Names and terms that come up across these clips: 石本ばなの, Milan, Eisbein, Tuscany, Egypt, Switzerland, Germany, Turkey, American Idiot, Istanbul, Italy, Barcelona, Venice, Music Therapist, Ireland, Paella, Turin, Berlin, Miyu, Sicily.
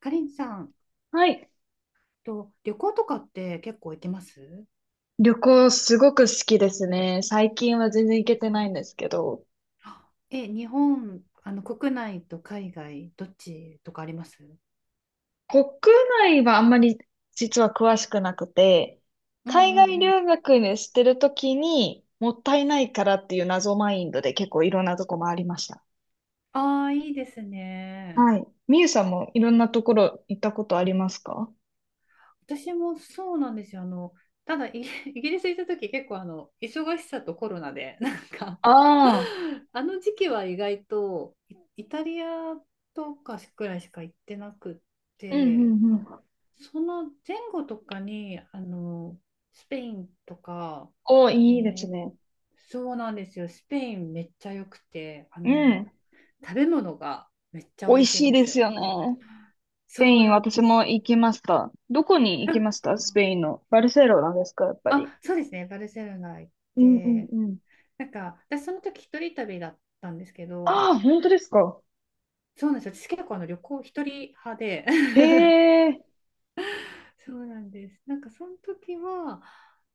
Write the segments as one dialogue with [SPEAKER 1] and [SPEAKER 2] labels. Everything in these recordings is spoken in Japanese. [SPEAKER 1] かりんさん
[SPEAKER 2] はい。
[SPEAKER 1] と旅行とかって結構行けます？
[SPEAKER 2] 旅行すごく好きですね。最近は全然行
[SPEAKER 1] う
[SPEAKER 2] けてない
[SPEAKER 1] ん。
[SPEAKER 2] んですけど、
[SPEAKER 1] 日本、国内と海外、どっちとかあります？
[SPEAKER 2] 国内はあんまり実は詳しくなくて、
[SPEAKER 1] うんう
[SPEAKER 2] 海
[SPEAKER 1] ん
[SPEAKER 2] 外
[SPEAKER 1] うん。
[SPEAKER 2] 留学にしてるときにもったいないからっていう謎マインドで結構いろんなとこ回りました。
[SPEAKER 1] ああ、いいですね。
[SPEAKER 2] はい。みゆさんもいろんなところ行ったことありますか？
[SPEAKER 1] 私もそうなんですよ。ただイギリス行った時結構忙しさとコロナで、なんか
[SPEAKER 2] ああ
[SPEAKER 1] あの時期は意外とイタリアとかくらいしか行ってなくっ
[SPEAKER 2] ー、うんう
[SPEAKER 1] て、
[SPEAKER 2] んうん。
[SPEAKER 1] その前後とかに、スペインとか、
[SPEAKER 2] お、
[SPEAKER 1] え
[SPEAKER 2] いいです
[SPEAKER 1] ー
[SPEAKER 2] ね。
[SPEAKER 1] そうなんですよ。スペインめっちゃ良くて、
[SPEAKER 2] うん。
[SPEAKER 1] 食べ物がめっちゃ
[SPEAKER 2] 美
[SPEAKER 1] 美
[SPEAKER 2] 味
[SPEAKER 1] 味しい
[SPEAKER 2] し
[SPEAKER 1] ん
[SPEAKER 2] い
[SPEAKER 1] で
[SPEAKER 2] で
[SPEAKER 1] す
[SPEAKER 2] す
[SPEAKER 1] よ。
[SPEAKER 2] よね。ペ
[SPEAKER 1] そ
[SPEAKER 2] イ
[SPEAKER 1] う
[SPEAKER 2] ン、
[SPEAKER 1] なん
[SPEAKER 2] 私
[SPEAKER 1] です
[SPEAKER 2] も行
[SPEAKER 1] よ。
[SPEAKER 2] きました。どこに行きましたスペイン
[SPEAKER 1] か
[SPEAKER 2] の。バルセロナですか、やっぱり。
[SPEAKER 1] あ、そうですね。バルセロナ行っ
[SPEAKER 2] うんうん
[SPEAKER 1] て、
[SPEAKER 2] うん。
[SPEAKER 1] なんか、私その時一人旅だったんですけど、
[SPEAKER 2] ああ、本当ですか。
[SPEAKER 1] そうなんですよ。私結構旅行一人派で、
[SPEAKER 2] へえ。
[SPEAKER 1] そうなんです。なんかその時は、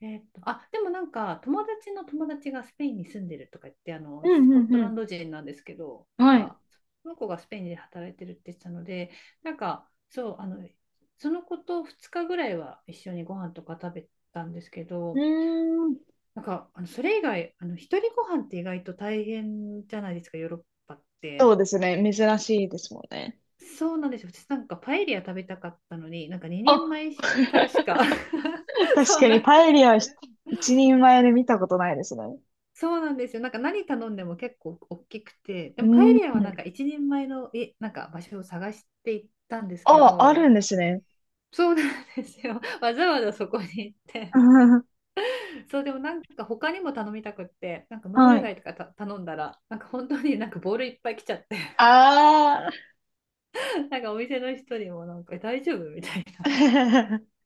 [SPEAKER 1] あ、でもなんか友達の友達がスペインに住んでるとか言って、
[SPEAKER 2] う
[SPEAKER 1] ス
[SPEAKER 2] ん
[SPEAKER 1] コ
[SPEAKER 2] う
[SPEAKER 1] ッ
[SPEAKER 2] ん
[SPEAKER 1] ト
[SPEAKER 2] う
[SPEAKER 1] ラン
[SPEAKER 2] ん。
[SPEAKER 1] ド人なんですけど、なん
[SPEAKER 2] はい。
[SPEAKER 1] かその子がスペインで働いてるって言ってたので、なんかそう、その子と2日ぐらいは一緒にご飯とか食べたんですけ
[SPEAKER 2] う
[SPEAKER 1] ど、
[SPEAKER 2] ーん。
[SPEAKER 1] なんかそれ以外、一人ご飯って意外と大変じゃないですか、ヨーロッパっ
[SPEAKER 2] そう
[SPEAKER 1] て。
[SPEAKER 2] ですね。珍しいですもんね。
[SPEAKER 1] そうなんですよ。私なんかパエリア食べたかったのに、なんか2人
[SPEAKER 2] あ、
[SPEAKER 1] 前からしか
[SPEAKER 2] 確
[SPEAKER 1] そう
[SPEAKER 2] かに
[SPEAKER 1] なく
[SPEAKER 2] パ
[SPEAKER 1] っ
[SPEAKER 2] エリアはひ
[SPEAKER 1] て、
[SPEAKER 2] 一人前で見たことないですね。
[SPEAKER 1] そうなんですよ。なんか何頼んでも結構大きくて、
[SPEAKER 2] う
[SPEAKER 1] でもパエ
[SPEAKER 2] ー
[SPEAKER 1] リアはなん
[SPEAKER 2] ん。
[SPEAKER 1] か1人前の、なんか場所を探していったんですけ
[SPEAKER 2] あ、ある
[SPEAKER 1] ど、
[SPEAKER 2] んですね。
[SPEAKER 1] そうなんですよ。わざわざそこに行って。そう、でもなんか他にも頼みたくって、なんかムー
[SPEAKER 2] は
[SPEAKER 1] ル
[SPEAKER 2] い。
[SPEAKER 1] 貝とか頼んだら、なんか本当になんかボールいっぱい来ちゃって、
[SPEAKER 2] あ
[SPEAKER 1] なんかお店の人にもなんか大丈夫みたいな。
[SPEAKER 2] あ。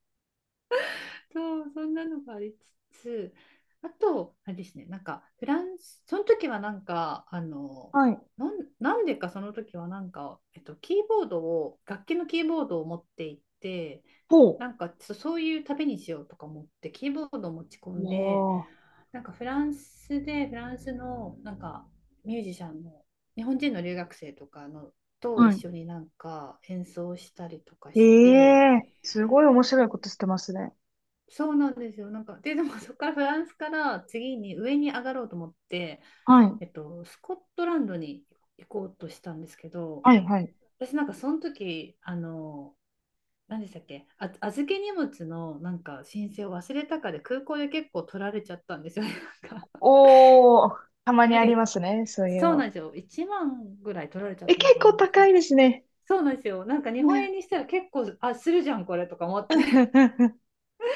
[SPEAKER 1] そう、そんなのがありつつ、あと、あれですね、なんか、フランス、その時はなんか、
[SPEAKER 2] はい。
[SPEAKER 1] なんでかその時はなんか、キーボードを、楽器のキーボードを持っていって、
[SPEAKER 2] ほ
[SPEAKER 1] なんか、そういう旅にしようとか思って、キーボードを持ち込
[SPEAKER 2] う
[SPEAKER 1] んで、
[SPEAKER 2] わ
[SPEAKER 1] なんかフランスで、フランスの、なんか、ミュージシャンの、日本人の留学生とかの、
[SPEAKER 2] あ。
[SPEAKER 1] と
[SPEAKER 2] は
[SPEAKER 1] 一
[SPEAKER 2] い。
[SPEAKER 1] 緒になんか演奏したりとか
[SPEAKER 2] え
[SPEAKER 1] して、
[SPEAKER 2] えすごい面白いことしてますね。
[SPEAKER 1] そうなんですよ。なんか、でもそこからフランスから次に上に上がろうと思って、
[SPEAKER 2] はい。
[SPEAKER 1] スコットランドに行こうとしたんですけど、
[SPEAKER 2] はい、はい。
[SPEAKER 1] 私なんかその時、何でしたっけ、あ、預け荷物のなんか申請を忘れたかで空港で結構取られちゃったんですよね。なんか、
[SPEAKER 2] おー、たまに
[SPEAKER 1] なん
[SPEAKER 2] あ
[SPEAKER 1] か
[SPEAKER 2] りま
[SPEAKER 1] い
[SPEAKER 2] すね、そういう
[SPEAKER 1] そうな
[SPEAKER 2] の。
[SPEAKER 1] んですよ。1万ぐらい取られちゃ
[SPEAKER 2] え、
[SPEAKER 1] ったの
[SPEAKER 2] 結
[SPEAKER 1] かな、
[SPEAKER 2] 構
[SPEAKER 1] なんかそ
[SPEAKER 2] 高
[SPEAKER 1] の、
[SPEAKER 2] いですね。
[SPEAKER 1] そうなんですよ。なんか日本円に したら結構、あ、するじゃん、これとか思って。
[SPEAKER 2] 確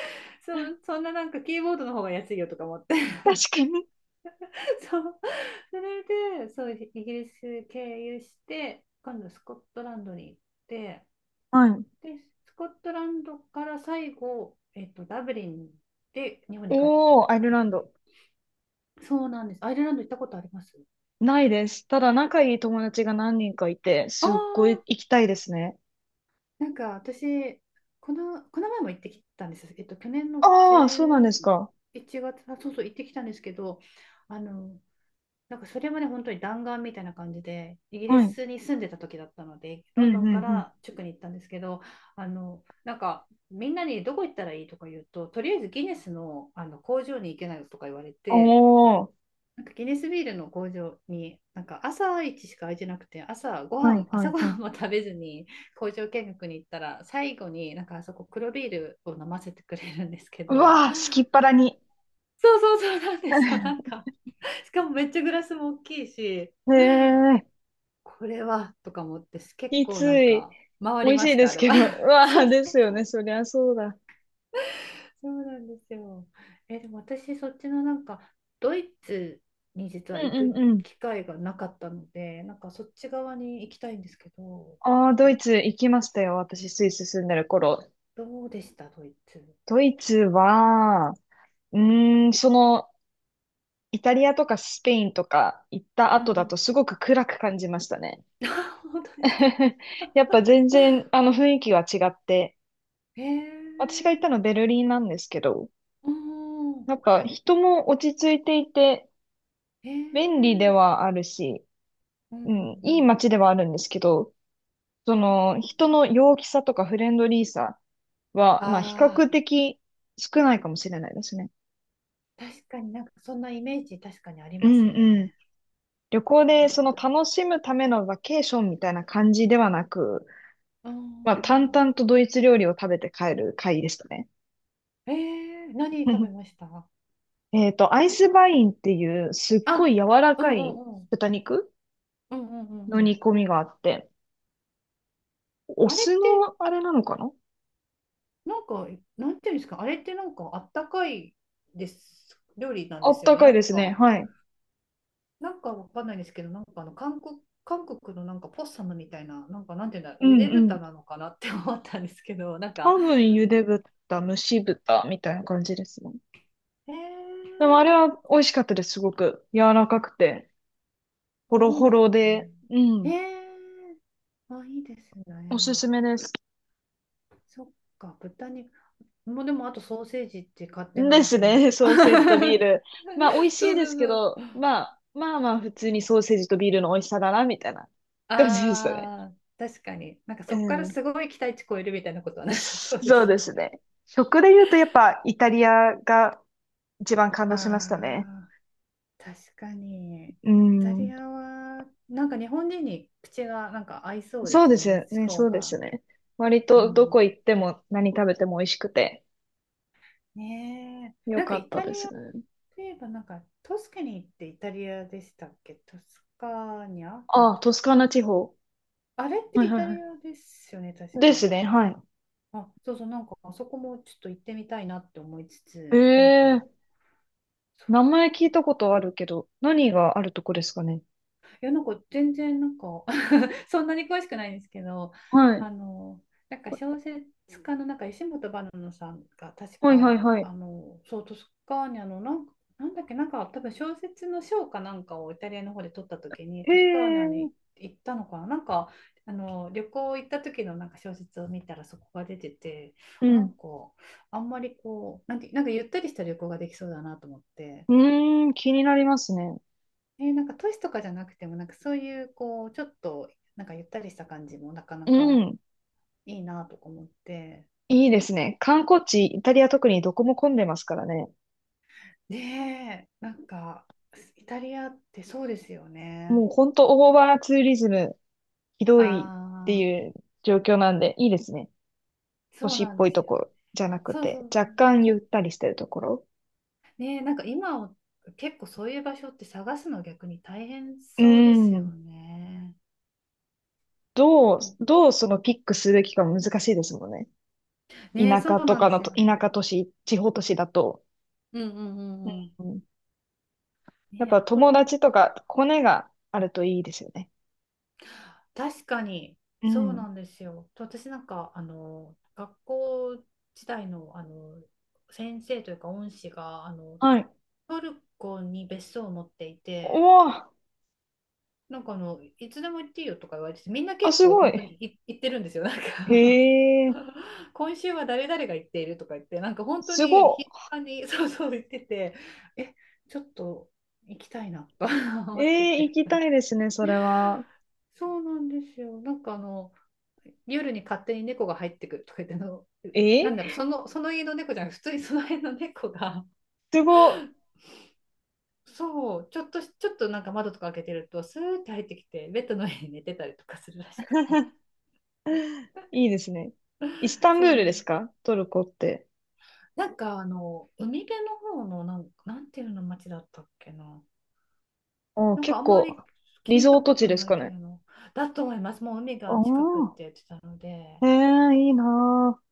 [SPEAKER 1] そう、そんななんかキーボードの方が安いよとか思って。
[SPEAKER 2] かに。
[SPEAKER 1] そう、それで、そう、イギリス経由して、今度スコットランドに、
[SPEAKER 2] はい。
[SPEAKER 1] でスコットランドから最後、ダブリンで日本に帰ってきたの
[SPEAKER 2] おー、アイ
[SPEAKER 1] か、
[SPEAKER 2] ル
[SPEAKER 1] そ
[SPEAKER 2] ラ
[SPEAKER 1] の
[SPEAKER 2] ン
[SPEAKER 1] 時。
[SPEAKER 2] ド。
[SPEAKER 1] そうなんです。アイルランド行ったことあります？
[SPEAKER 2] ないです。ただ仲いい友達が何人かいて、
[SPEAKER 1] あ
[SPEAKER 2] すっごい
[SPEAKER 1] あ
[SPEAKER 2] 行きたいですね。
[SPEAKER 1] ー、なんか私この前も行ってきたんです。去年の
[SPEAKER 2] ああ、そうなんですか。
[SPEAKER 1] 11月、あ、そうそう、行ってきたんですけど、あの、なんかそれもね、本当に弾丸みたいな感じで、イギリ
[SPEAKER 2] はい。
[SPEAKER 1] スに住んでた時だったので、
[SPEAKER 2] う
[SPEAKER 1] ロン
[SPEAKER 2] ん、
[SPEAKER 1] ド
[SPEAKER 2] う
[SPEAKER 1] ンか
[SPEAKER 2] ん、うん。
[SPEAKER 1] らチュクに行ったんですけど、なんか、みんなにどこ行ったらいいとか言うと、とりあえずギネスの、あの工場に行けないとか言われて、
[SPEAKER 2] おー。
[SPEAKER 1] なんかギネスビールの工場に、なんか朝一しか空いてなくて、
[SPEAKER 2] はい、は
[SPEAKER 1] 朝
[SPEAKER 2] い、
[SPEAKER 1] ご
[SPEAKER 2] は
[SPEAKER 1] はん
[SPEAKER 2] い。
[SPEAKER 1] も食べずに工場見学に行ったら、最後になんかあそこ黒ビールを飲ませてくれるんですけ
[SPEAKER 2] う
[SPEAKER 1] ど、
[SPEAKER 2] わー、好きっ腹に。
[SPEAKER 1] そうそうそうなんですよ、なん か、しかもめっちゃグラスも大きいし、
[SPEAKER 2] へえ。
[SPEAKER 1] これはとか思って結
[SPEAKER 2] きつ
[SPEAKER 1] 構なん
[SPEAKER 2] い。
[SPEAKER 1] か回
[SPEAKER 2] 美
[SPEAKER 1] り
[SPEAKER 2] 味
[SPEAKER 1] ま
[SPEAKER 2] しい
[SPEAKER 1] し
[SPEAKER 2] で
[SPEAKER 1] たあ
[SPEAKER 2] す
[SPEAKER 1] れ
[SPEAKER 2] け
[SPEAKER 1] は
[SPEAKER 2] ど。う わ
[SPEAKER 1] そ
[SPEAKER 2] あ、
[SPEAKER 1] うそ
[SPEAKER 2] で
[SPEAKER 1] う、
[SPEAKER 2] すよ
[SPEAKER 1] そ
[SPEAKER 2] ね。
[SPEAKER 1] う
[SPEAKER 2] そりゃそうだ。
[SPEAKER 1] そうなんですよ。でも私そっちのなんかドイツに実
[SPEAKER 2] う
[SPEAKER 1] は
[SPEAKER 2] ん
[SPEAKER 1] 行
[SPEAKER 2] うん
[SPEAKER 1] く
[SPEAKER 2] うん。
[SPEAKER 1] 機会がなかったので、なんかそっち側に行きたいんですけど、
[SPEAKER 2] ああ、ドイ
[SPEAKER 1] え
[SPEAKER 2] ツ行きましたよ。私、スイス住んでる頃。
[SPEAKER 1] どうでしたドイツ？
[SPEAKER 2] ドイツは、うーん、その、イタリアとかスペインとか行った
[SPEAKER 1] うんう
[SPEAKER 2] 後だと
[SPEAKER 1] ん。
[SPEAKER 2] すごく暗く感じましたね。
[SPEAKER 1] あ、本当ですか？
[SPEAKER 2] やっぱ全然、あの、雰囲気は違って。
[SPEAKER 1] へ
[SPEAKER 2] 私が行った
[SPEAKER 1] え
[SPEAKER 2] の
[SPEAKER 1] ー。
[SPEAKER 2] ベルリンなんですけど、
[SPEAKER 1] うん。
[SPEAKER 2] なんか人も落ち着いていて、
[SPEAKER 1] へえ
[SPEAKER 2] 便利で
[SPEAKER 1] ー。
[SPEAKER 2] はあるし、
[SPEAKER 1] うんうんう
[SPEAKER 2] うん、いい
[SPEAKER 1] ん
[SPEAKER 2] 街ではあるんですけど、そ
[SPEAKER 1] う
[SPEAKER 2] の
[SPEAKER 1] ん。
[SPEAKER 2] 人の陽気さとかフレンドリーさは、まあ比
[SPEAKER 1] あ
[SPEAKER 2] 較的少ないかもしれないですね。
[SPEAKER 1] あ、確かになんかそんなイメージ確かにあり
[SPEAKER 2] う
[SPEAKER 1] ま
[SPEAKER 2] ん
[SPEAKER 1] す
[SPEAKER 2] うん。
[SPEAKER 1] ね。
[SPEAKER 2] 旅行
[SPEAKER 1] あ
[SPEAKER 2] でその
[SPEAKER 1] ー。
[SPEAKER 2] 楽しむためのバケーションみたいな感じではなく、
[SPEAKER 1] あー。
[SPEAKER 2] まあ淡々とドイツ料理を食べて帰る会でしたね。
[SPEAKER 1] え何食べま した？
[SPEAKER 2] えっと、アイスバインっていうすっごい
[SPEAKER 1] あ、
[SPEAKER 2] 柔ら
[SPEAKER 1] う
[SPEAKER 2] か
[SPEAKER 1] んう
[SPEAKER 2] い
[SPEAKER 1] んうん。
[SPEAKER 2] 豚肉
[SPEAKER 1] うんうんう
[SPEAKER 2] の
[SPEAKER 1] んうん。
[SPEAKER 2] 煮込みがあって、お
[SPEAKER 1] あれっ
[SPEAKER 2] 酢
[SPEAKER 1] て、
[SPEAKER 2] のあれなのかな。
[SPEAKER 1] なんか、なんていうんですか、あれってなんかあったかいです、料理なん
[SPEAKER 2] あ
[SPEAKER 1] で
[SPEAKER 2] っ
[SPEAKER 1] すよ
[SPEAKER 2] た
[SPEAKER 1] ね。
[SPEAKER 2] か
[SPEAKER 1] な
[SPEAKER 2] い
[SPEAKER 1] ん
[SPEAKER 2] ですね。
[SPEAKER 1] か、
[SPEAKER 2] はい。
[SPEAKER 1] なんかわかんないですけど、なんか韓国のなんかポッサムみたいな、なんかなんていうんだ、
[SPEAKER 2] う
[SPEAKER 1] ゆ
[SPEAKER 2] ん
[SPEAKER 1] で
[SPEAKER 2] うん。
[SPEAKER 1] 豚なのかなって思ったんですけど、なんか、
[SPEAKER 2] 多分茹で豚、蒸し豚みたいな感じですね。
[SPEAKER 1] え
[SPEAKER 2] でもあれ
[SPEAKER 1] ー、
[SPEAKER 2] は美味しかったです、すごく。柔らかくて、ホ
[SPEAKER 1] あ、
[SPEAKER 2] ロ
[SPEAKER 1] いい
[SPEAKER 2] ホ
[SPEAKER 1] です
[SPEAKER 2] ロで、う
[SPEAKER 1] ね。
[SPEAKER 2] ん、
[SPEAKER 1] あ、いいです
[SPEAKER 2] おすす
[SPEAKER 1] ね。
[SPEAKER 2] めです。
[SPEAKER 1] そっか、豚肉。もうでもあとソーセージって勝手
[SPEAKER 2] で
[SPEAKER 1] な、
[SPEAKER 2] すね、ソーセージとビール。まあ、美味し
[SPEAKER 1] そ
[SPEAKER 2] い
[SPEAKER 1] う
[SPEAKER 2] です
[SPEAKER 1] そ
[SPEAKER 2] け
[SPEAKER 1] う
[SPEAKER 2] ど、
[SPEAKER 1] そう。
[SPEAKER 2] まあ、まあまあ、普通にソーセージとビールの美味しさだな、みたいな感じでしたね。
[SPEAKER 1] ああ、確かに。なんか
[SPEAKER 2] う
[SPEAKER 1] そこから
[SPEAKER 2] ん。
[SPEAKER 1] すごい期待値超えるみたいなことはなさそうで
[SPEAKER 2] そう
[SPEAKER 1] す
[SPEAKER 2] で
[SPEAKER 1] よ
[SPEAKER 2] す
[SPEAKER 1] ね。
[SPEAKER 2] ね。食で言うと、やっぱ、イタリアが一番感動しましたね。
[SPEAKER 1] ああ、確かに。
[SPEAKER 2] う
[SPEAKER 1] イタリ
[SPEAKER 2] ん。
[SPEAKER 1] アは、なんか日本人に口がなんか合いそうで
[SPEAKER 2] そう
[SPEAKER 1] す
[SPEAKER 2] で
[SPEAKER 1] よ
[SPEAKER 2] す
[SPEAKER 1] ね、
[SPEAKER 2] よ
[SPEAKER 1] 思
[SPEAKER 2] ね、
[SPEAKER 1] 考
[SPEAKER 2] そうで
[SPEAKER 1] が。
[SPEAKER 2] すね。割
[SPEAKER 1] う
[SPEAKER 2] と、ど
[SPEAKER 1] ん。
[SPEAKER 2] こ行っても何食べても美味しくて、
[SPEAKER 1] ねえ。
[SPEAKER 2] よ
[SPEAKER 1] なんか
[SPEAKER 2] かっ
[SPEAKER 1] イ
[SPEAKER 2] た
[SPEAKER 1] タリ
[SPEAKER 2] で
[SPEAKER 1] ア
[SPEAKER 2] すね。
[SPEAKER 1] といえば、なんかトスカニーってイタリアでしたっけ、トスカーニャだ
[SPEAKER 2] ああ、
[SPEAKER 1] と。
[SPEAKER 2] トスカーナ地方。
[SPEAKER 1] あれっ
[SPEAKER 2] は
[SPEAKER 1] て
[SPEAKER 2] い
[SPEAKER 1] イ
[SPEAKER 2] はい
[SPEAKER 1] タリ
[SPEAKER 2] は
[SPEAKER 1] アですよね、
[SPEAKER 2] い。
[SPEAKER 1] 確
[SPEAKER 2] で
[SPEAKER 1] か。
[SPEAKER 2] すね、はい。
[SPEAKER 1] あ、そうそう、なんかあそこもちょっと行ってみたいなって思いつつ、なん
[SPEAKER 2] え
[SPEAKER 1] か、
[SPEAKER 2] え、
[SPEAKER 1] そ
[SPEAKER 2] 名
[SPEAKER 1] う
[SPEAKER 2] 前聞いたことあるけど、何があるとこですかね。
[SPEAKER 1] いや、なんか全然なんか そんなに詳しくないんですけど、
[SPEAKER 2] はい。
[SPEAKER 1] あの、なんか小説家のなんか石本ばなのさんが確
[SPEAKER 2] はいはい
[SPEAKER 1] か、
[SPEAKER 2] はい。
[SPEAKER 1] そう、トスカーニャのなんか、なんだっけ、なんか多分小説の賞かなんかをイタリアの方で取った時に、
[SPEAKER 2] へ
[SPEAKER 1] トスカーニャ
[SPEAKER 2] え、
[SPEAKER 1] に行ったのかな、なんか、あの旅行行った時のなんか小説を見たらそこが出てて、
[SPEAKER 2] う
[SPEAKER 1] あ、なん
[SPEAKER 2] ん。
[SPEAKER 1] かあんまりこうなんてなんかゆったりした旅行ができそうだなと思って、
[SPEAKER 2] うーん、気になりますね。
[SPEAKER 1] なんか都市とかじゃなくてもなんかそういうこうちょっとなんかゆったりした感じもなかな
[SPEAKER 2] う
[SPEAKER 1] か
[SPEAKER 2] ん。
[SPEAKER 1] いいなとか思って。
[SPEAKER 2] いいですね。観光地、イタリア特にどこも混んでますからね。
[SPEAKER 1] ねえ、なんか、イタリアってそうですよ
[SPEAKER 2] も
[SPEAKER 1] ね。
[SPEAKER 2] うほんとオーバーツーリズム、ひどいって
[SPEAKER 1] あ
[SPEAKER 2] い
[SPEAKER 1] あ、
[SPEAKER 2] う状況なんで、いいですね。都
[SPEAKER 1] そう
[SPEAKER 2] 市
[SPEAKER 1] な
[SPEAKER 2] っ
[SPEAKER 1] ん
[SPEAKER 2] ぽ
[SPEAKER 1] で
[SPEAKER 2] い
[SPEAKER 1] す
[SPEAKER 2] と
[SPEAKER 1] よ
[SPEAKER 2] ころじゃ
[SPEAKER 1] ね。
[SPEAKER 2] なく
[SPEAKER 1] そうそ
[SPEAKER 2] て、
[SPEAKER 1] うそう。
[SPEAKER 2] 若干
[SPEAKER 1] ちょ、
[SPEAKER 2] ゆったりしてるところ。
[SPEAKER 1] ねえ、なんか結構そういう場所って探すの逆に大変
[SPEAKER 2] う
[SPEAKER 1] そうですよ
[SPEAKER 2] ん。
[SPEAKER 1] ね。
[SPEAKER 2] どう、どうそのピックすべきかも難しいですもんね。
[SPEAKER 1] ねえ、
[SPEAKER 2] 田
[SPEAKER 1] そ
[SPEAKER 2] 舎
[SPEAKER 1] う
[SPEAKER 2] と
[SPEAKER 1] なん
[SPEAKER 2] か
[SPEAKER 1] で
[SPEAKER 2] の
[SPEAKER 1] すよ
[SPEAKER 2] と、田舎
[SPEAKER 1] ね。
[SPEAKER 2] 都市、地方都市だと。
[SPEAKER 1] うんうんうんうん。
[SPEAKER 2] うん、やっ
[SPEAKER 1] ねえ、
[SPEAKER 2] ぱ
[SPEAKER 1] あと
[SPEAKER 2] 友
[SPEAKER 1] ど、
[SPEAKER 2] 達とかコネがあるといいですよね。
[SPEAKER 1] 確かに、
[SPEAKER 2] う
[SPEAKER 1] そう
[SPEAKER 2] ん。
[SPEAKER 1] なんですよ。と私なんか、学校時代の、先生というか恩師が、
[SPEAKER 2] はい。
[SPEAKER 1] トルコに別荘を持っていて、
[SPEAKER 2] おー、
[SPEAKER 1] なんかいつでも行っていいよとか言われてみんな
[SPEAKER 2] あ、
[SPEAKER 1] 結
[SPEAKER 2] す
[SPEAKER 1] 構
[SPEAKER 2] ごい。
[SPEAKER 1] 本当に行ってるんですよ。なんか
[SPEAKER 2] へえ、
[SPEAKER 1] 今週は誰々が行っているとか言って、なんか本当
[SPEAKER 2] す
[SPEAKER 1] に頻
[SPEAKER 2] ご
[SPEAKER 1] 繁に そうそう言ってて、え、ちょっと行きたいなと 思
[SPEAKER 2] い。え
[SPEAKER 1] って
[SPEAKER 2] え、行
[SPEAKER 1] て。
[SPEAKER 2] きたいですね、それは。
[SPEAKER 1] そうなんですよ。なんか夜に勝手に猫が入ってくるとか言っての、
[SPEAKER 2] え
[SPEAKER 1] な
[SPEAKER 2] え、
[SPEAKER 1] んだろう、その家の猫じゃなくて、普通にその辺の猫が、
[SPEAKER 2] すごい。
[SPEAKER 1] そう、ちょっとなんか窓とか開けてると、スーッて入ってきて、ベッドの上に 寝てたりとかするらしくて。
[SPEAKER 2] いいですね。イスタ ンブ
[SPEAKER 1] そ
[SPEAKER 2] ー
[SPEAKER 1] う
[SPEAKER 2] ル
[SPEAKER 1] な
[SPEAKER 2] で
[SPEAKER 1] ん
[SPEAKER 2] す
[SPEAKER 1] だ。
[SPEAKER 2] かトルコって。
[SPEAKER 1] なんか海辺の方のなんていうの町だったっけな。
[SPEAKER 2] おー、
[SPEAKER 1] なんか
[SPEAKER 2] 結
[SPEAKER 1] あんま
[SPEAKER 2] 構、
[SPEAKER 1] り
[SPEAKER 2] リ
[SPEAKER 1] 聞い
[SPEAKER 2] ゾ
[SPEAKER 1] た
[SPEAKER 2] ート
[SPEAKER 1] こ
[SPEAKER 2] 地
[SPEAKER 1] と
[SPEAKER 2] です
[SPEAKER 1] ない
[SPEAKER 2] か
[SPEAKER 1] 系
[SPEAKER 2] ね。
[SPEAKER 1] の。だと思います。もう海
[SPEAKER 2] お
[SPEAKER 1] が近くって
[SPEAKER 2] ー、
[SPEAKER 1] 言ってたので。
[SPEAKER 2] へえ、いいなー。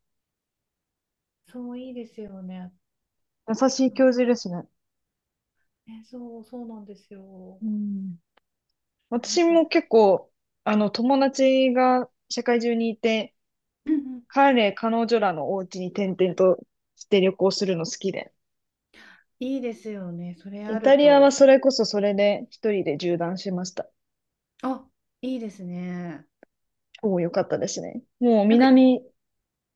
[SPEAKER 1] そう、いいですよね。
[SPEAKER 2] 優しい教授ですね。
[SPEAKER 1] ね、そうなんですよ。
[SPEAKER 2] うん。
[SPEAKER 1] なん
[SPEAKER 2] 私
[SPEAKER 1] か、
[SPEAKER 2] も結構、あの、友達が社会中にいて、
[SPEAKER 1] うんうん、
[SPEAKER 2] 彼、彼女らのお家に転々として旅行するの好きで。
[SPEAKER 1] いいですよね、それ
[SPEAKER 2] イ
[SPEAKER 1] あ
[SPEAKER 2] タ
[SPEAKER 1] る
[SPEAKER 2] リアは
[SPEAKER 1] と。
[SPEAKER 2] それこそそれで一人で縦断しました。
[SPEAKER 1] あ、いいですね。
[SPEAKER 2] おお、よかったですね。もう
[SPEAKER 1] なんか
[SPEAKER 2] 南、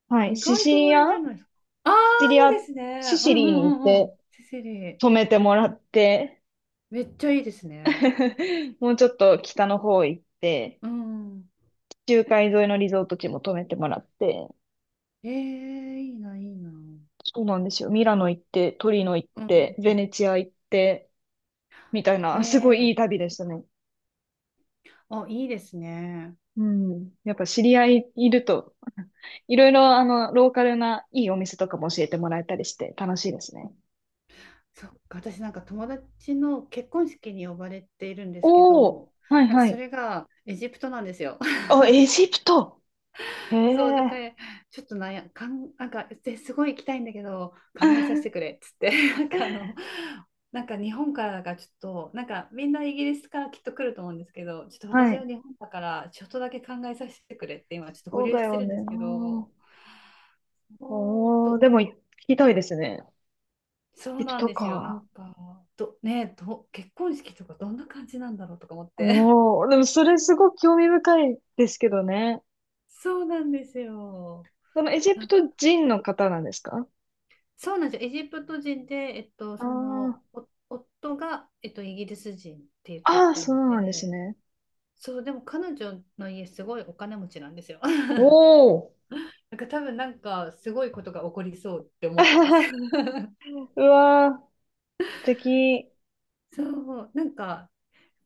[SPEAKER 2] はい、
[SPEAKER 1] 意
[SPEAKER 2] シ
[SPEAKER 1] 外
[SPEAKER 2] シ
[SPEAKER 1] とあ
[SPEAKER 2] リア
[SPEAKER 1] れじゃないですか。あ
[SPEAKER 2] シチリア、
[SPEAKER 1] あ、いいです
[SPEAKER 2] シ
[SPEAKER 1] ね。うん
[SPEAKER 2] シ
[SPEAKER 1] う
[SPEAKER 2] リー
[SPEAKER 1] ん
[SPEAKER 2] に
[SPEAKER 1] う
[SPEAKER 2] 行っ
[SPEAKER 1] んうん。
[SPEAKER 2] て
[SPEAKER 1] セセリ。
[SPEAKER 2] 泊めてもらって、
[SPEAKER 1] めっちゃいいですね。
[SPEAKER 2] もうちょっと北の方行って、
[SPEAKER 1] うん。
[SPEAKER 2] 地中海沿いのリゾート地も泊めてもらって、
[SPEAKER 1] ええ、いいな、いいな。う
[SPEAKER 2] そうなんですよ。ミラノ行って、トリノ行って、ベ
[SPEAKER 1] ん。
[SPEAKER 2] ネチア行って、みたいな、すご
[SPEAKER 1] ね
[SPEAKER 2] いい
[SPEAKER 1] え。
[SPEAKER 2] い旅でしたね。
[SPEAKER 1] あ、いいですね。
[SPEAKER 2] うん。やっぱ知り合いいると、いろいろあの、ローカルないいお店とかも教えてもらえたりして楽しいですね。
[SPEAKER 1] そっか、私なんか友達の結婚式に呼ばれているんですけ
[SPEAKER 2] おお、
[SPEAKER 1] ど、
[SPEAKER 2] はい
[SPEAKER 1] なんか
[SPEAKER 2] は
[SPEAKER 1] そ
[SPEAKER 2] い。
[SPEAKER 1] れがエジプトなんですよ。
[SPEAKER 2] あ、エジプト。へ
[SPEAKER 1] そう、だか
[SPEAKER 2] え。
[SPEAKER 1] ら、ちょっとなんや、かん、なんか、ですごい行きたいんだけど、考えさせてく れっつって なんかあの、なんか日本からがちょっと、なんかみんなイギリスからきっと来ると思うんですけど、ちょっと私
[SPEAKER 2] はい。
[SPEAKER 1] は日本だから、ちょっとだけ考えさせてくれって今、ちょっと保
[SPEAKER 2] そう
[SPEAKER 1] 留
[SPEAKER 2] だ
[SPEAKER 1] して
[SPEAKER 2] よ
[SPEAKER 1] るん
[SPEAKER 2] ね。
[SPEAKER 1] ですけど、おー
[SPEAKER 2] おお、
[SPEAKER 1] と、
[SPEAKER 2] でも聞きたいですね。
[SPEAKER 1] そ
[SPEAKER 2] エ
[SPEAKER 1] う
[SPEAKER 2] ジプ
[SPEAKER 1] なん
[SPEAKER 2] ト
[SPEAKER 1] ですよ、な
[SPEAKER 2] か。
[SPEAKER 1] んか、ど、ね、ど、結婚式とかどんな感じなんだろうとか思って。
[SPEAKER 2] おお、でもそれすごく興味深いですけどね。
[SPEAKER 1] そうなんですよ。
[SPEAKER 2] そのエジ
[SPEAKER 1] な
[SPEAKER 2] プ
[SPEAKER 1] ん
[SPEAKER 2] ト人の方なんですか？
[SPEAKER 1] そうなんですよ。エジプト人で、えっと、
[SPEAKER 2] あー
[SPEAKER 1] お夫が、えっと、イギリス人って言って
[SPEAKER 2] あー、
[SPEAKER 1] た
[SPEAKER 2] そう
[SPEAKER 1] の
[SPEAKER 2] なんです
[SPEAKER 1] で、
[SPEAKER 2] ね。
[SPEAKER 1] そう、でも彼女の家、すごいお金持ちなんですよ。
[SPEAKER 2] おお。
[SPEAKER 1] なんか多分、なんか、すごいことが起こりそうって 思
[SPEAKER 2] あ
[SPEAKER 1] ってま
[SPEAKER 2] は
[SPEAKER 1] す。
[SPEAKER 2] は。 うわー、素敵。
[SPEAKER 1] そう、なんか、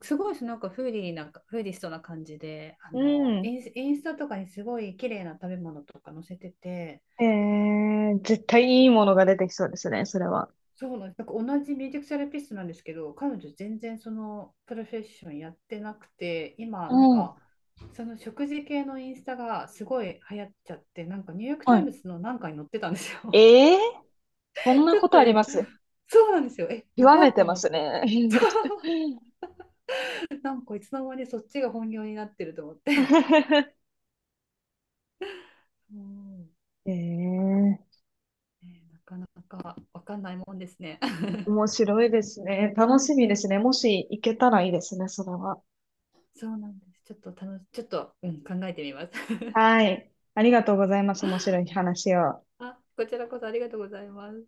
[SPEAKER 1] すごいし、なんか、フーリストな感じで、
[SPEAKER 2] うん。
[SPEAKER 1] インスタとかにすごい綺麗な食べ物とか載せてて、
[SPEAKER 2] えー、絶対いいものが出てきそうですね、それは。
[SPEAKER 1] そうなんです。なんか同じミュージックセラピストなんですけど、彼女全然そのプロフェッションやってなくて、今
[SPEAKER 2] お
[SPEAKER 1] なん
[SPEAKER 2] お。
[SPEAKER 1] かその食事系のインスタがすごい流行っちゃって、なんかニューヨークタ
[SPEAKER 2] は
[SPEAKER 1] イム
[SPEAKER 2] い。
[SPEAKER 1] ズのなんかに載ってたんですよ。
[SPEAKER 2] えー、そん な
[SPEAKER 1] ちょ
[SPEAKER 2] こ
[SPEAKER 1] っと
[SPEAKER 2] とあります？
[SPEAKER 1] そうなんですよ。え、や
[SPEAKER 2] 極
[SPEAKER 1] ば
[SPEAKER 2] め
[SPEAKER 1] っ
[SPEAKER 2] て
[SPEAKER 1] と
[SPEAKER 2] ま
[SPEAKER 1] 思っ
[SPEAKER 2] す
[SPEAKER 1] て。
[SPEAKER 2] ね。
[SPEAKER 1] なんかいつの間にそっちが本業になってると思って。うん、
[SPEAKER 2] ええ、
[SPEAKER 1] ね、なかなかわかんないもんですね。
[SPEAKER 2] 面白いですね。楽しみで
[SPEAKER 1] ね、
[SPEAKER 2] すね。もし行けたらいいですね、それは。
[SPEAKER 1] そうなんです。ちょっと、うん、考えてみます。
[SPEAKER 2] はい。ありがとうございます。面白い話を。
[SPEAKER 1] あ、こちらこそありがとうございます。